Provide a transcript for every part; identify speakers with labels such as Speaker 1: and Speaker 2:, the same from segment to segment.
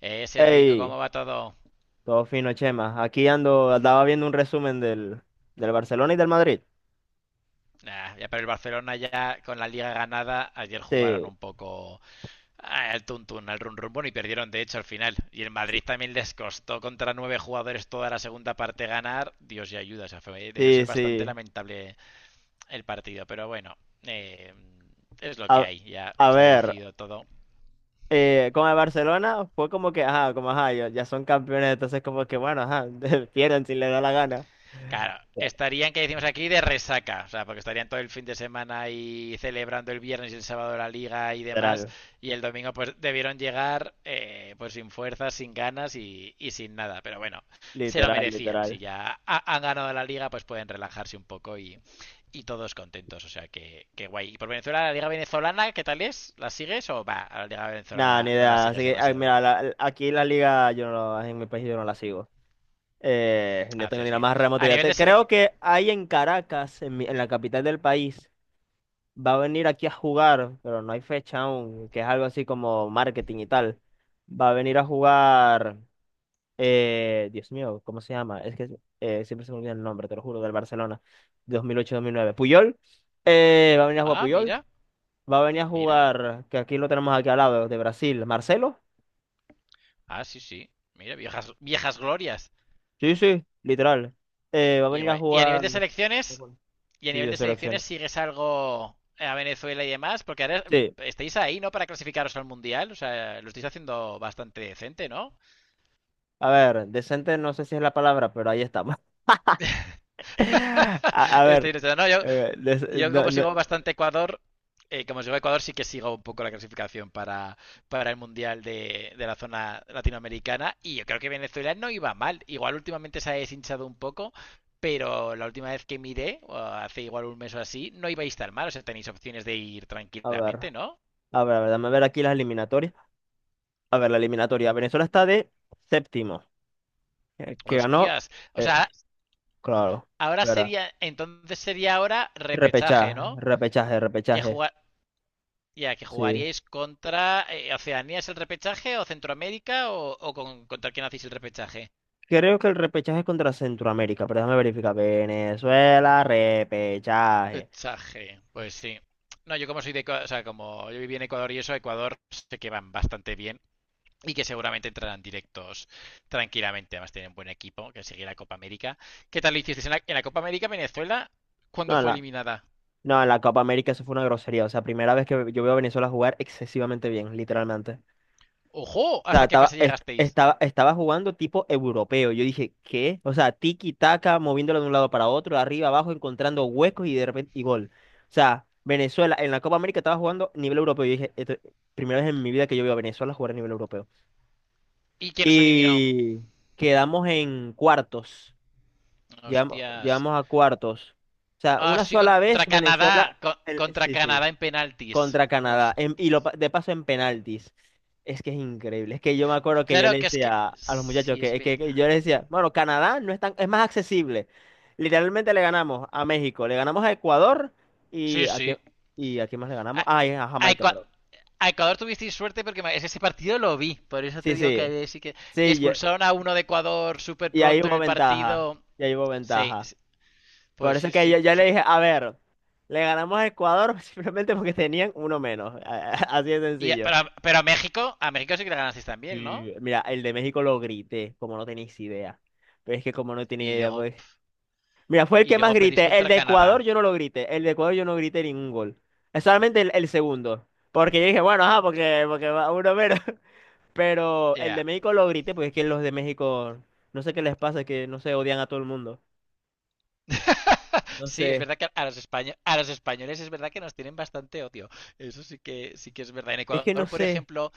Speaker 1: Ese rico,
Speaker 2: Hey,
Speaker 1: ¿cómo va todo?
Speaker 2: todo fino, Chema. Aquí ando, andaba viendo un resumen del Barcelona y del Madrid.
Speaker 1: Nah, ya para el Barcelona, ya con la liga ganada, ayer jugaron
Speaker 2: Sí,
Speaker 1: un poco al tuntún, al run run, bueno, y perdieron de hecho al final. Y el Madrid también les costó contra nueve jugadores toda la segunda parte ganar. Dios y ayuda, o sea, debió
Speaker 2: sí,
Speaker 1: ser bastante
Speaker 2: sí.
Speaker 1: lamentable el partido, pero bueno, eh, es lo que
Speaker 2: A,
Speaker 1: hay, ya
Speaker 2: a
Speaker 1: se ha
Speaker 2: ver,
Speaker 1: decidido todo.
Speaker 2: con el Barcelona fue como que, ajá, como ajá, ya son campeones, entonces como que, bueno, ajá, pierden si les da la gana.
Speaker 1: Claro,
Speaker 2: Ya,
Speaker 1: estarían, que decimos aquí, de resaca, o sea, porque estarían todo el fin de semana y celebrando el viernes y el sábado la liga y demás,
Speaker 2: literal,
Speaker 1: y el domingo pues debieron llegar pues sin fuerzas, sin ganas y sin nada, pero bueno, se lo
Speaker 2: literal,
Speaker 1: merecían, si
Speaker 2: literal.
Speaker 1: han ganado la liga pues pueden relajarse un poco y todos contentos, o sea, que guay. ¿Y por Venezuela, la liga venezolana, qué tal es? ¿La sigues o va? A la liga
Speaker 2: Nada, ni
Speaker 1: venezolana no la
Speaker 2: idea. Así
Speaker 1: sigues
Speaker 2: que, ah,
Speaker 1: demasiado,
Speaker 2: mira, aquí la liga, yo no, en mi país yo no la sigo. No tengo
Speaker 1: haces
Speaker 2: ni la
Speaker 1: bien.
Speaker 2: más remota
Speaker 1: A
Speaker 2: idea.
Speaker 1: nivel de
Speaker 2: Creo
Speaker 1: selección...
Speaker 2: que hay en Caracas, en, en la capital del país. Va a venir aquí a jugar, pero no hay fecha aún, que es algo así como marketing y tal. Va a venir a jugar, Dios mío, ¿cómo se llama? Es que siempre se me olvida el nombre, te lo juro, del Barcelona, 2008 mil nueve Puyol, va a venir a jugar
Speaker 1: Ah,
Speaker 2: Puyol,
Speaker 1: mira,
Speaker 2: va a venir a
Speaker 1: mira.
Speaker 2: jugar, que aquí lo tenemos aquí al lado, de Brasil, Marcelo.
Speaker 1: Ah, sí, sí. Mira, viejas, viejas glorias.
Speaker 2: Sí, sí, literal. Va a
Speaker 1: Y,
Speaker 2: venir a
Speaker 1: bueno,
Speaker 2: jugar...
Speaker 1: y a
Speaker 2: Sí,
Speaker 1: nivel
Speaker 2: de
Speaker 1: de selecciones
Speaker 2: selección.
Speaker 1: sigues algo a Venezuela y demás, porque ahora
Speaker 2: Sí,
Speaker 1: estáis ahí, ¿no? Para clasificaros al Mundial, o sea, lo estáis haciendo bastante decente, ¿no?
Speaker 2: a ver, decente no sé si es la palabra, pero ahí estamos. A, a ver,
Speaker 1: estáis, no, yo,
Speaker 2: des-
Speaker 1: Yo
Speaker 2: no-
Speaker 1: como
Speaker 2: no-
Speaker 1: sigo bastante Ecuador, como sigo Ecuador sí que sigo un poco la clasificación para el Mundial de la zona latinoamericana y yo creo que Venezuela no iba mal. Igual últimamente se ha deshinchado un poco, pero la última vez que miré, o hace igual un mes o así, no ibais tan mal. O sea, tenéis opciones de ir
Speaker 2: a ver,
Speaker 1: tranquilamente, ¿no?
Speaker 2: a ver, a ver, dame ver aquí las eliminatorias. A ver, la eliminatoria. Venezuela está de séptimo, que ganó,
Speaker 1: Hostias. O
Speaker 2: eh,
Speaker 1: sea,
Speaker 2: claro,
Speaker 1: ahora
Speaker 2: ¿verdad?
Speaker 1: sería, entonces sería ahora repechaje,
Speaker 2: Repechaje,
Speaker 1: ¿no?
Speaker 2: repechaje,
Speaker 1: Que
Speaker 2: repechaje.
Speaker 1: juega, ya, que
Speaker 2: Sí.
Speaker 1: jugaríais contra Oceanía es el repechaje o Centroamérica o con, contra quién hacéis el repechaje.
Speaker 2: Creo que el repechaje es contra Centroamérica, pero déjame verificar. Venezuela, repechaje.
Speaker 1: Repechaje, pues sí. No, yo como soy de Ecuador, o sea, como yo viví en Ecuador y eso, Ecuador sé que van bastante bien y que seguramente entrarán directos tranquilamente. Además tienen buen equipo que sigue la Copa América. ¿Qué tal lo hicisteis en en la Copa América Venezuela? ¿Cuándo
Speaker 2: No, en
Speaker 1: fue
Speaker 2: la,
Speaker 1: eliminada?
Speaker 2: no, en la Copa América eso fue una grosería. O sea, primera vez que yo veo a Venezuela jugar excesivamente bien, literalmente.
Speaker 1: ¡Ojo!
Speaker 2: Sea,
Speaker 1: ¿Hasta qué fase llegasteis?
Speaker 2: estaba jugando tipo europeo. Yo dije, ¿qué? O sea, tiki-taka, moviéndolo de un lado para otro, arriba, abajo, encontrando huecos y de repente, y gol. O sea, Venezuela en la Copa América estaba jugando nivel europeo. Yo dije, primera vez en mi vida que yo veo a Venezuela jugar a nivel europeo.
Speaker 1: ¿Y quién os eliminó?
Speaker 2: Y quedamos en cuartos.
Speaker 1: Hostias.
Speaker 2: Llegamos a cuartos. O sea,
Speaker 1: Ah,
Speaker 2: una
Speaker 1: sí,
Speaker 2: sola
Speaker 1: contra
Speaker 2: vez Venezuela.
Speaker 1: Canadá. Contra
Speaker 2: Sí, sí
Speaker 1: Canadá en penaltis.
Speaker 2: contra Canadá. Y lo,
Speaker 1: Hostias.
Speaker 2: de paso en penaltis. Es que es increíble. Es que yo me acuerdo que yo le
Speaker 1: Claro que es que.
Speaker 2: decía a los muchachos
Speaker 1: Sí, es
Speaker 2: que, que
Speaker 1: verdad.
Speaker 2: yo les decía, bueno, Canadá no es tan, es más accesible. Literalmente le ganamos a México, le ganamos a Ecuador y
Speaker 1: Sí,
Speaker 2: a quién,
Speaker 1: sí.
Speaker 2: y a quién más le
Speaker 1: A,
Speaker 2: ganamos. Ah, y a
Speaker 1: a
Speaker 2: Jamaica,
Speaker 1: Ecua-
Speaker 2: pero.
Speaker 1: a Ecuador tuvisteis suerte porque ese partido lo vi. Por eso te
Speaker 2: Sí,
Speaker 1: digo que
Speaker 2: sí.
Speaker 1: sí
Speaker 2: Sí,
Speaker 1: que expulsaron a uno de Ecuador súper
Speaker 2: y ahí
Speaker 1: pronto en
Speaker 2: hubo
Speaker 1: el
Speaker 2: ventaja.
Speaker 1: partido.
Speaker 2: Y ahí hubo
Speaker 1: Sí,
Speaker 2: ventaja.
Speaker 1: sí.
Speaker 2: Por
Speaker 1: Pues
Speaker 2: eso
Speaker 1: sí,
Speaker 2: es que yo,
Speaker 1: sí. O
Speaker 2: le
Speaker 1: sea,
Speaker 2: dije, a ver, le ganamos a Ecuador simplemente porque tenían uno menos. Así de
Speaker 1: y
Speaker 2: sencillo.
Speaker 1: pero, pero a México sí que le ganasteis también, ¿no?
Speaker 2: Sí, mira, el de México lo grité, como no tenéis idea. Pero es que como no tenía
Speaker 1: Y
Speaker 2: idea,
Speaker 1: luego,
Speaker 2: pues. Mira, fue el
Speaker 1: y
Speaker 2: que más
Speaker 1: luego pedís
Speaker 2: grité. El
Speaker 1: contra
Speaker 2: de Ecuador
Speaker 1: Canadá.
Speaker 2: yo no lo grité. El de Ecuador yo no grité ningún gol. Es solamente el segundo. Porque yo dije, bueno, ajá, porque va uno menos. Pero el de
Speaker 1: Ya.
Speaker 2: México lo grité, porque es que los de México, no sé qué les pasa, es que no sé, odian a todo el mundo. No
Speaker 1: Sí,
Speaker 2: sé.
Speaker 1: es verdad que a los españoles es verdad que nos tienen bastante odio. Eso sí que es verdad. En
Speaker 2: Es que no
Speaker 1: Ecuador, por
Speaker 2: sé.
Speaker 1: ejemplo,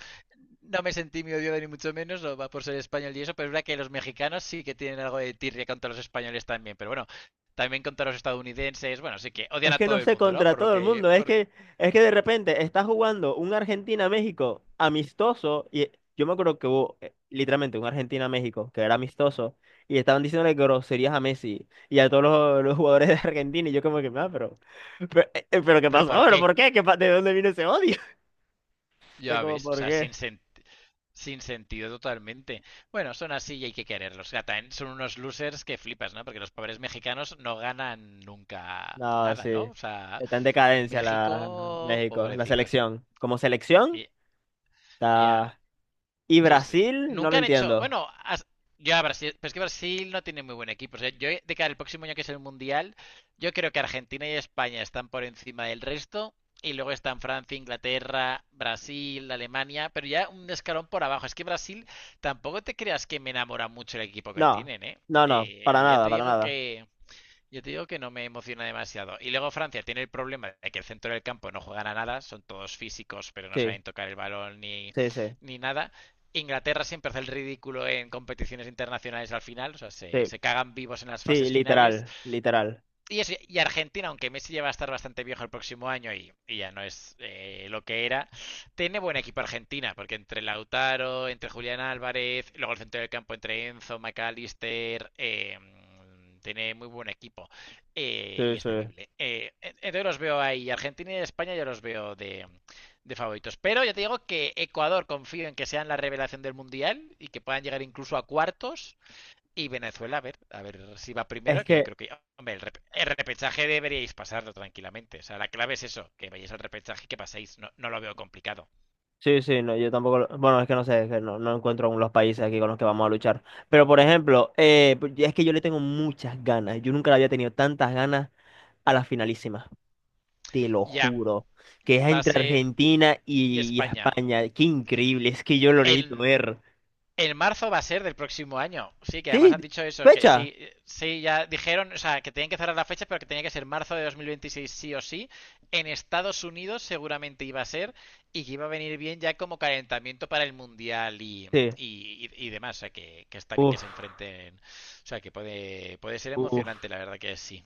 Speaker 1: no me sentí muy odiado ni mucho menos, no va por ser español y eso, pero es verdad que los mexicanos sí que tienen algo de tirria contra los españoles también. Pero bueno, también contra los estadounidenses, bueno, sí que odian
Speaker 2: Es
Speaker 1: a
Speaker 2: que
Speaker 1: todo
Speaker 2: no
Speaker 1: el
Speaker 2: sé
Speaker 1: mundo, ¿no?
Speaker 2: contra
Speaker 1: Por lo
Speaker 2: todo el
Speaker 1: que,
Speaker 2: mundo,
Speaker 1: por-
Speaker 2: es que de repente está jugando un Argentina-México amistoso y yo me acuerdo que hubo literalmente un Argentina-México que era amistoso y estaban diciéndole groserías a Messi y a todos los jugadores de Argentina y yo como que, ah, pero ¿qué
Speaker 1: pero
Speaker 2: pasó?
Speaker 1: ¿por
Speaker 2: ¿Pero
Speaker 1: qué?
Speaker 2: por qué? ¿De dónde vino ese odio? O sea,
Speaker 1: Ya
Speaker 2: como,
Speaker 1: ves, o
Speaker 2: ¿por
Speaker 1: sea, sin
Speaker 2: qué?
Speaker 1: sentido. Sin sentido totalmente. Bueno, son así y hay que quererlos. Ya, también son unos losers que flipas, ¿no? Porque los pobres mexicanos no ganan nunca
Speaker 2: No,
Speaker 1: nada, ¿no?
Speaker 2: sí,
Speaker 1: O sea,
Speaker 2: está en decadencia la
Speaker 1: México,
Speaker 2: México, la
Speaker 1: pobrecicos.
Speaker 2: selección. Como selección,
Speaker 1: Y- ya,
Speaker 2: está... Y
Speaker 1: sí, sí.
Speaker 2: Brasil, no lo
Speaker 1: Nunca han hecho.
Speaker 2: entiendo.
Speaker 1: Bueno, yo a Brasil. Pero es que Brasil no tiene muy buen equipo. O sea, yo de cara al próximo año que es el Mundial, yo creo que Argentina y España están por encima del resto. Y luego están Francia, Inglaterra, Brasil, Alemania. Pero ya un escalón por abajo. Es que Brasil tampoco te creas que me enamora mucho el equipo que
Speaker 2: No,
Speaker 1: tienen, ¿eh?
Speaker 2: no, no, para
Speaker 1: Ya
Speaker 2: nada,
Speaker 1: te
Speaker 2: para
Speaker 1: digo
Speaker 2: nada.
Speaker 1: que. Yo te digo que no me emociona demasiado. Y luego Francia tiene el problema de que el centro del campo no juegan a nada, son todos físicos, pero no
Speaker 2: Sí,
Speaker 1: saben tocar el balón ni,
Speaker 2: sí, sí,
Speaker 1: ni nada. Inglaterra siempre hace el ridículo en competiciones internacionales al final, o sea, se,
Speaker 2: sí,
Speaker 1: se cagan vivos en las
Speaker 2: sí,
Speaker 1: fases finales
Speaker 2: literal, literal,
Speaker 1: y, y Argentina, aunque Messi ya va a estar bastante viejo el próximo año y ya no es lo que era, tiene buen equipo Argentina, porque entre Lautaro, entre Julián Álvarez, luego el centro del campo entre Enzo, McAllister, tiene muy buen equipo
Speaker 2: sí,
Speaker 1: y es
Speaker 2: sí.
Speaker 1: temible. Entonces los veo ahí, Argentina y España yo los veo de favoritos. Pero ya te digo que Ecuador confío en que sean la revelación del Mundial y que puedan llegar incluso a cuartos. Y Venezuela, a ver si va
Speaker 2: Es
Speaker 1: primero, que yo
Speaker 2: que,
Speaker 1: creo que, hombre, el, rep el repechaje deberíais pasarlo tranquilamente. O sea, la clave es eso, que vayáis al repechaje y que paséis. No, no lo veo complicado.
Speaker 2: sí, sí, no, yo tampoco, bueno, es que no sé, es que no, no encuentro aún los países aquí con los que vamos a luchar. Pero, por ejemplo, es que yo le tengo muchas ganas, yo nunca le había tenido tantas ganas a la finalísima, te lo
Speaker 1: Ya,
Speaker 2: juro, que es
Speaker 1: va a
Speaker 2: entre
Speaker 1: ser,
Speaker 2: Argentina
Speaker 1: y
Speaker 2: y
Speaker 1: España.
Speaker 2: España, qué increíble, es que yo lo necesito
Speaker 1: En,
Speaker 2: ver.
Speaker 1: En marzo va a ser del próximo año. Sí, que además han
Speaker 2: Sí,
Speaker 1: dicho eso, que
Speaker 2: fecha,
Speaker 1: sí, sí, ya dijeron, o sea, que tenían que cerrar las fechas, pero que tenía que ser marzo de 2026, sí o sí. En Estados Unidos seguramente iba a ser, y que iba a venir bien ya como calentamiento para el Mundial
Speaker 2: sí,
Speaker 1: y demás. O sea, que, está bien que se
Speaker 2: uff,
Speaker 1: enfrenten. O sea, que puede, puede ser emocionante,
Speaker 2: uff.
Speaker 1: la verdad que sí.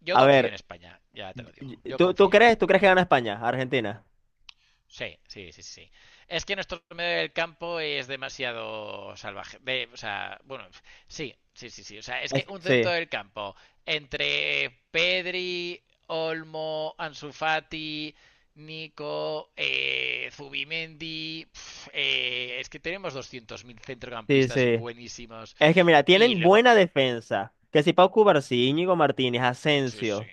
Speaker 1: Yo
Speaker 2: A
Speaker 1: confío en
Speaker 2: ver,
Speaker 1: España, ya te lo digo.
Speaker 2: y-
Speaker 1: Yo
Speaker 2: ¿tú,
Speaker 1: confío.
Speaker 2: tú crees que gana España, Argentina?
Speaker 1: Sí, sí, sí, sí. Es que nuestro medio del campo es demasiado salvaje. De- o sea, bueno, sí, sí, sí, sí. O sea, es que
Speaker 2: Es
Speaker 1: un centro
Speaker 2: sí.
Speaker 1: del campo entre Pedri, Olmo, Ansu Fati, Nico, Zubimendi, pf, es que tenemos 200.000
Speaker 2: Sí,
Speaker 1: centrocampistas
Speaker 2: sí.
Speaker 1: buenísimos.
Speaker 2: Es que mira,
Speaker 1: Y
Speaker 2: tienen
Speaker 1: luego,
Speaker 2: buena defensa. Que si Pau Cubarsí, Íñigo Martínez,
Speaker 1: sí, sí,
Speaker 2: Asensio,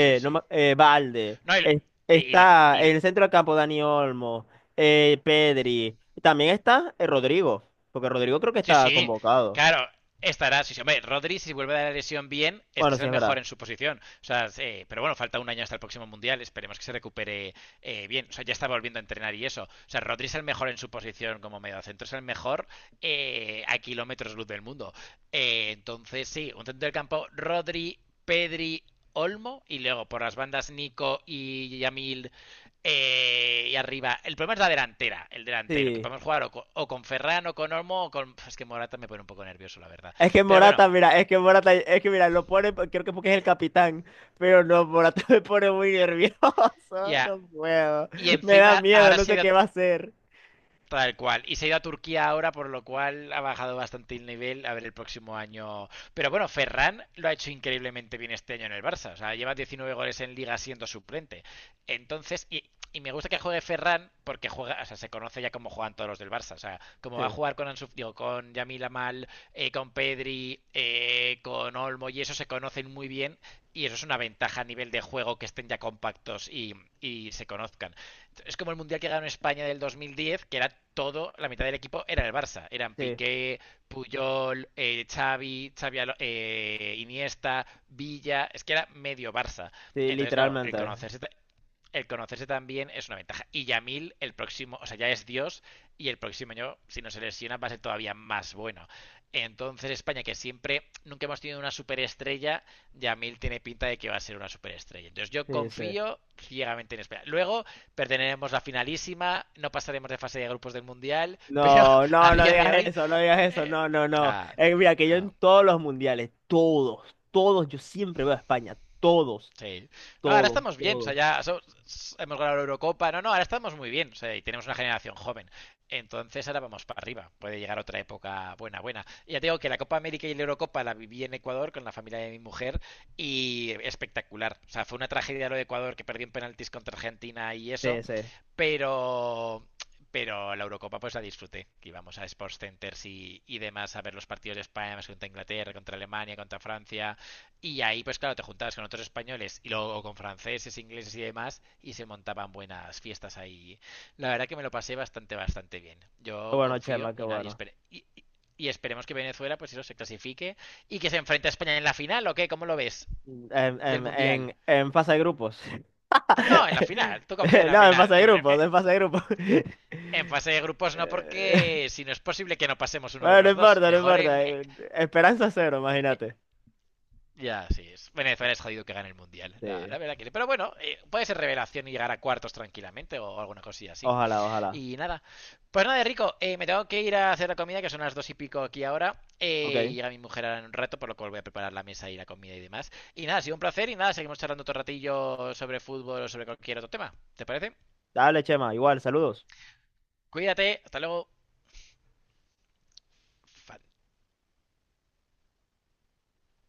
Speaker 1: sí,
Speaker 2: no me-
Speaker 1: sí.
Speaker 2: Valde,
Speaker 1: No, y, y y lo-
Speaker 2: está
Speaker 1: y lo-
Speaker 2: en el centro del campo Dani Olmo, Pedri. También está Rodrigo, porque Rodrigo creo que
Speaker 1: sí,
Speaker 2: está
Speaker 1: sí,
Speaker 2: convocado.
Speaker 1: claro, estará. Sí, sí, hombre, Rodri, si vuelve a la lesión bien, es que
Speaker 2: Bueno, sí,
Speaker 1: será el
Speaker 2: es
Speaker 1: mejor
Speaker 2: verdad.
Speaker 1: en su posición. O sea, sí, pero bueno, falta un año hasta el próximo mundial, esperemos que se recupere bien. O sea, ya está volviendo a entrenar y eso. O sea, Rodri es el mejor en su posición como mediocentro, es el mejor a kilómetros luz del mundo. Entonces, sí, un centro del campo, Rodri, Pedri, Olmo, y luego por las bandas Nico y Yamil, y arriba, el problema es la delantera, el delantero, que
Speaker 2: Sí.
Speaker 1: podemos jugar o con Ferran o con Olmo o con... Es que Morata me pone un poco nervioso, la verdad.
Speaker 2: Es que
Speaker 1: Pero bueno,
Speaker 2: Morata, mira, es que Morata, es que mira, lo pone, creo que porque es el capitán, pero no, Morata me pone muy nervioso,
Speaker 1: ya.
Speaker 2: no puedo,
Speaker 1: Y
Speaker 2: me da
Speaker 1: encima
Speaker 2: miedo,
Speaker 1: ahora
Speaker 2: no
Speaker 1: se ha
Speaker 2: sé
Speaker 1: ido.
Speaker 2: qué va a hacer.
Speaker 1: Tal cual. Y se ha ido a Turquía ahora, por lo cual ha bajado bastante el nivel. A ver el próximo año. Pero bueno, Ferran lo ha hecho increíblemente bien este año en el Barça. O sea, lleva 19 goles en liga siendo suplente. Entonces, y me gusta que juegue Ferran porque juega, o sea, se conoce ya cómo juegan todos los del Barça. O sea, como va a
Speaker 2: Sí,
Speaker 1: jugar con Ansu, digo, con Yamil Amal, con Pedri, con Olmo y eso se conocen muy bien. Y eso es una ventaja a nivel de juego que estén ya compactos y se conozcan. Es como el mundial que ganó España del 2010, que era todo, la mitad del equipo era el Barça. Eran
Speaker 2: sí.
Speaker 1: Piqué, Puyol, Xavi, Iniesta, Villa. Es que era medio Barça.
Speaker 2: Sí,
Speaker 1: Entonces, claro,
Speaker 2: literalmente.
Speaker 1: el conocerse también es una ventaja. Y Yamil, el próximo, o sea, ya es Dios y el próximo año, si no se lesiona, va a ser todavía más bueno. Entonces, España, que siempre, nunca hemos tenido una superestrella, Yamil tiene pinta de que va a ser una superestrella. Entonces, yo
Speaker 2: Sí, sí.
Speaker 1: confío ciegamente en España. Luego, perderemos la finalísima, no pasaremos de fase de grupos del Mundial, pero
Speaker 2: No,
Speaker 1: a
Speaker 2: no, no
Speaker 1: día de
Speaker 2: digas
Speaker 1: hoy,
Speaker 2: eso, no digas eso,
Speaker 1: eh,
Speaker 2: no, no, no.
Speaker 1: nada,
Speaker 2: Mira, que yo en
Speaker 1: no,
Speaker 2: todos los mundiales, todos, todos, yo siempre veo a España, todos,
Speaker 1: sí. No, ahora
Speaker 2: todos,
Speaker 1: estamos bien, o sea,
Speaker 2: todos.
Speaker 1: hemos ganado la Eurocopa, no, no, ahora estamos muy bien, o sea, y tenemos una generación joven. Entonces ahora vamos para arriba, puede llegar otra época buena, buena. Y ya te digo que la Copa América y la Eurocopa la viví en Ecuador con la familia de mi mujer y espectacular. O sea, fue una tragedia lo de Ecuador que perdió en penaltis contra Argentina y eso,
Speaker 2: Sí, sí. Qué
Speaker 1: pero pero la Eurocopa pues la disfruté, que íbamos a Sports Centers y demás a ver los partidos de España más contra Inglaterra, contra Alemania, contra Francia, y ahí pues claro, te juntabas con otros españoles y luego con franceses, ingleses y demás, y se montaban buenas fiestas ahí. La verdad que me lo pasé bastante, bastante bien. Yo
Speaker 2: bueno,
Speaker 1: confío
Speaker 2: Chema, qué
Speaker 1: y nadie
Speaker 2: bueno.
Speaker 1: espere. Y esperemos que Venezuela, pues eso, se clasifique y que se enfrente a España en la final, ¿o qué? ¿Cómo lo ves?
Speaker 2: Mm,
Speaker 1: Del Mundial.
Speaker 2: en fase de grupos.
Speaker 1: No, en la final. Tú confías en la
Speaker 2: No, en
Speaker 1: final.
Speaker 2: fase de
Speaker 1: en,
Speaker 2: grupos, en fase de grupos.
Speaker 1: En fase de grupos no, porque
Speaker 2: Eh,
Speaker 1: si no es posible que no pasemos uno de
Speaker 2: Bueno, no
Speaker 1: los dos.
Speaker 2: importa, no
Speaker 1: Mejor en.
Speaker 2: importa. Esperanza cero,
Speaker 1: Eh,
Speaker 2: imagínate.
Speaker 1: ya, sí. Venezuela es jodido que gane el mundial. La,
Speaker 2: Sí,
Speaker 1: la verdad que. Sí. Pero bueno, puede ser revelación y llegar a cuartos tranquilamente o alguna cosilla así.
Speaker 2: ojalá, ojalá.
Speaker 1: Y nada. Pues nada, Rico, me tengo que ir a hacer la comida, que son las dos y pico aquí ahora.
Speaker 2: Ok,
Speaker 1: Llega mi mujer ahora en un rato, por lo cual voy a preparar la mesa y la comida y demás. Y nada, ha sido un placer. Y nada, seguimos charlando otro ratillo sobre fútbol o sobre cualquier otro tema. ¿Te parece?
Speaker 2: dale, Chema, igual, saludos.
Speaker 1: Cuídate, hasta luego. Fan-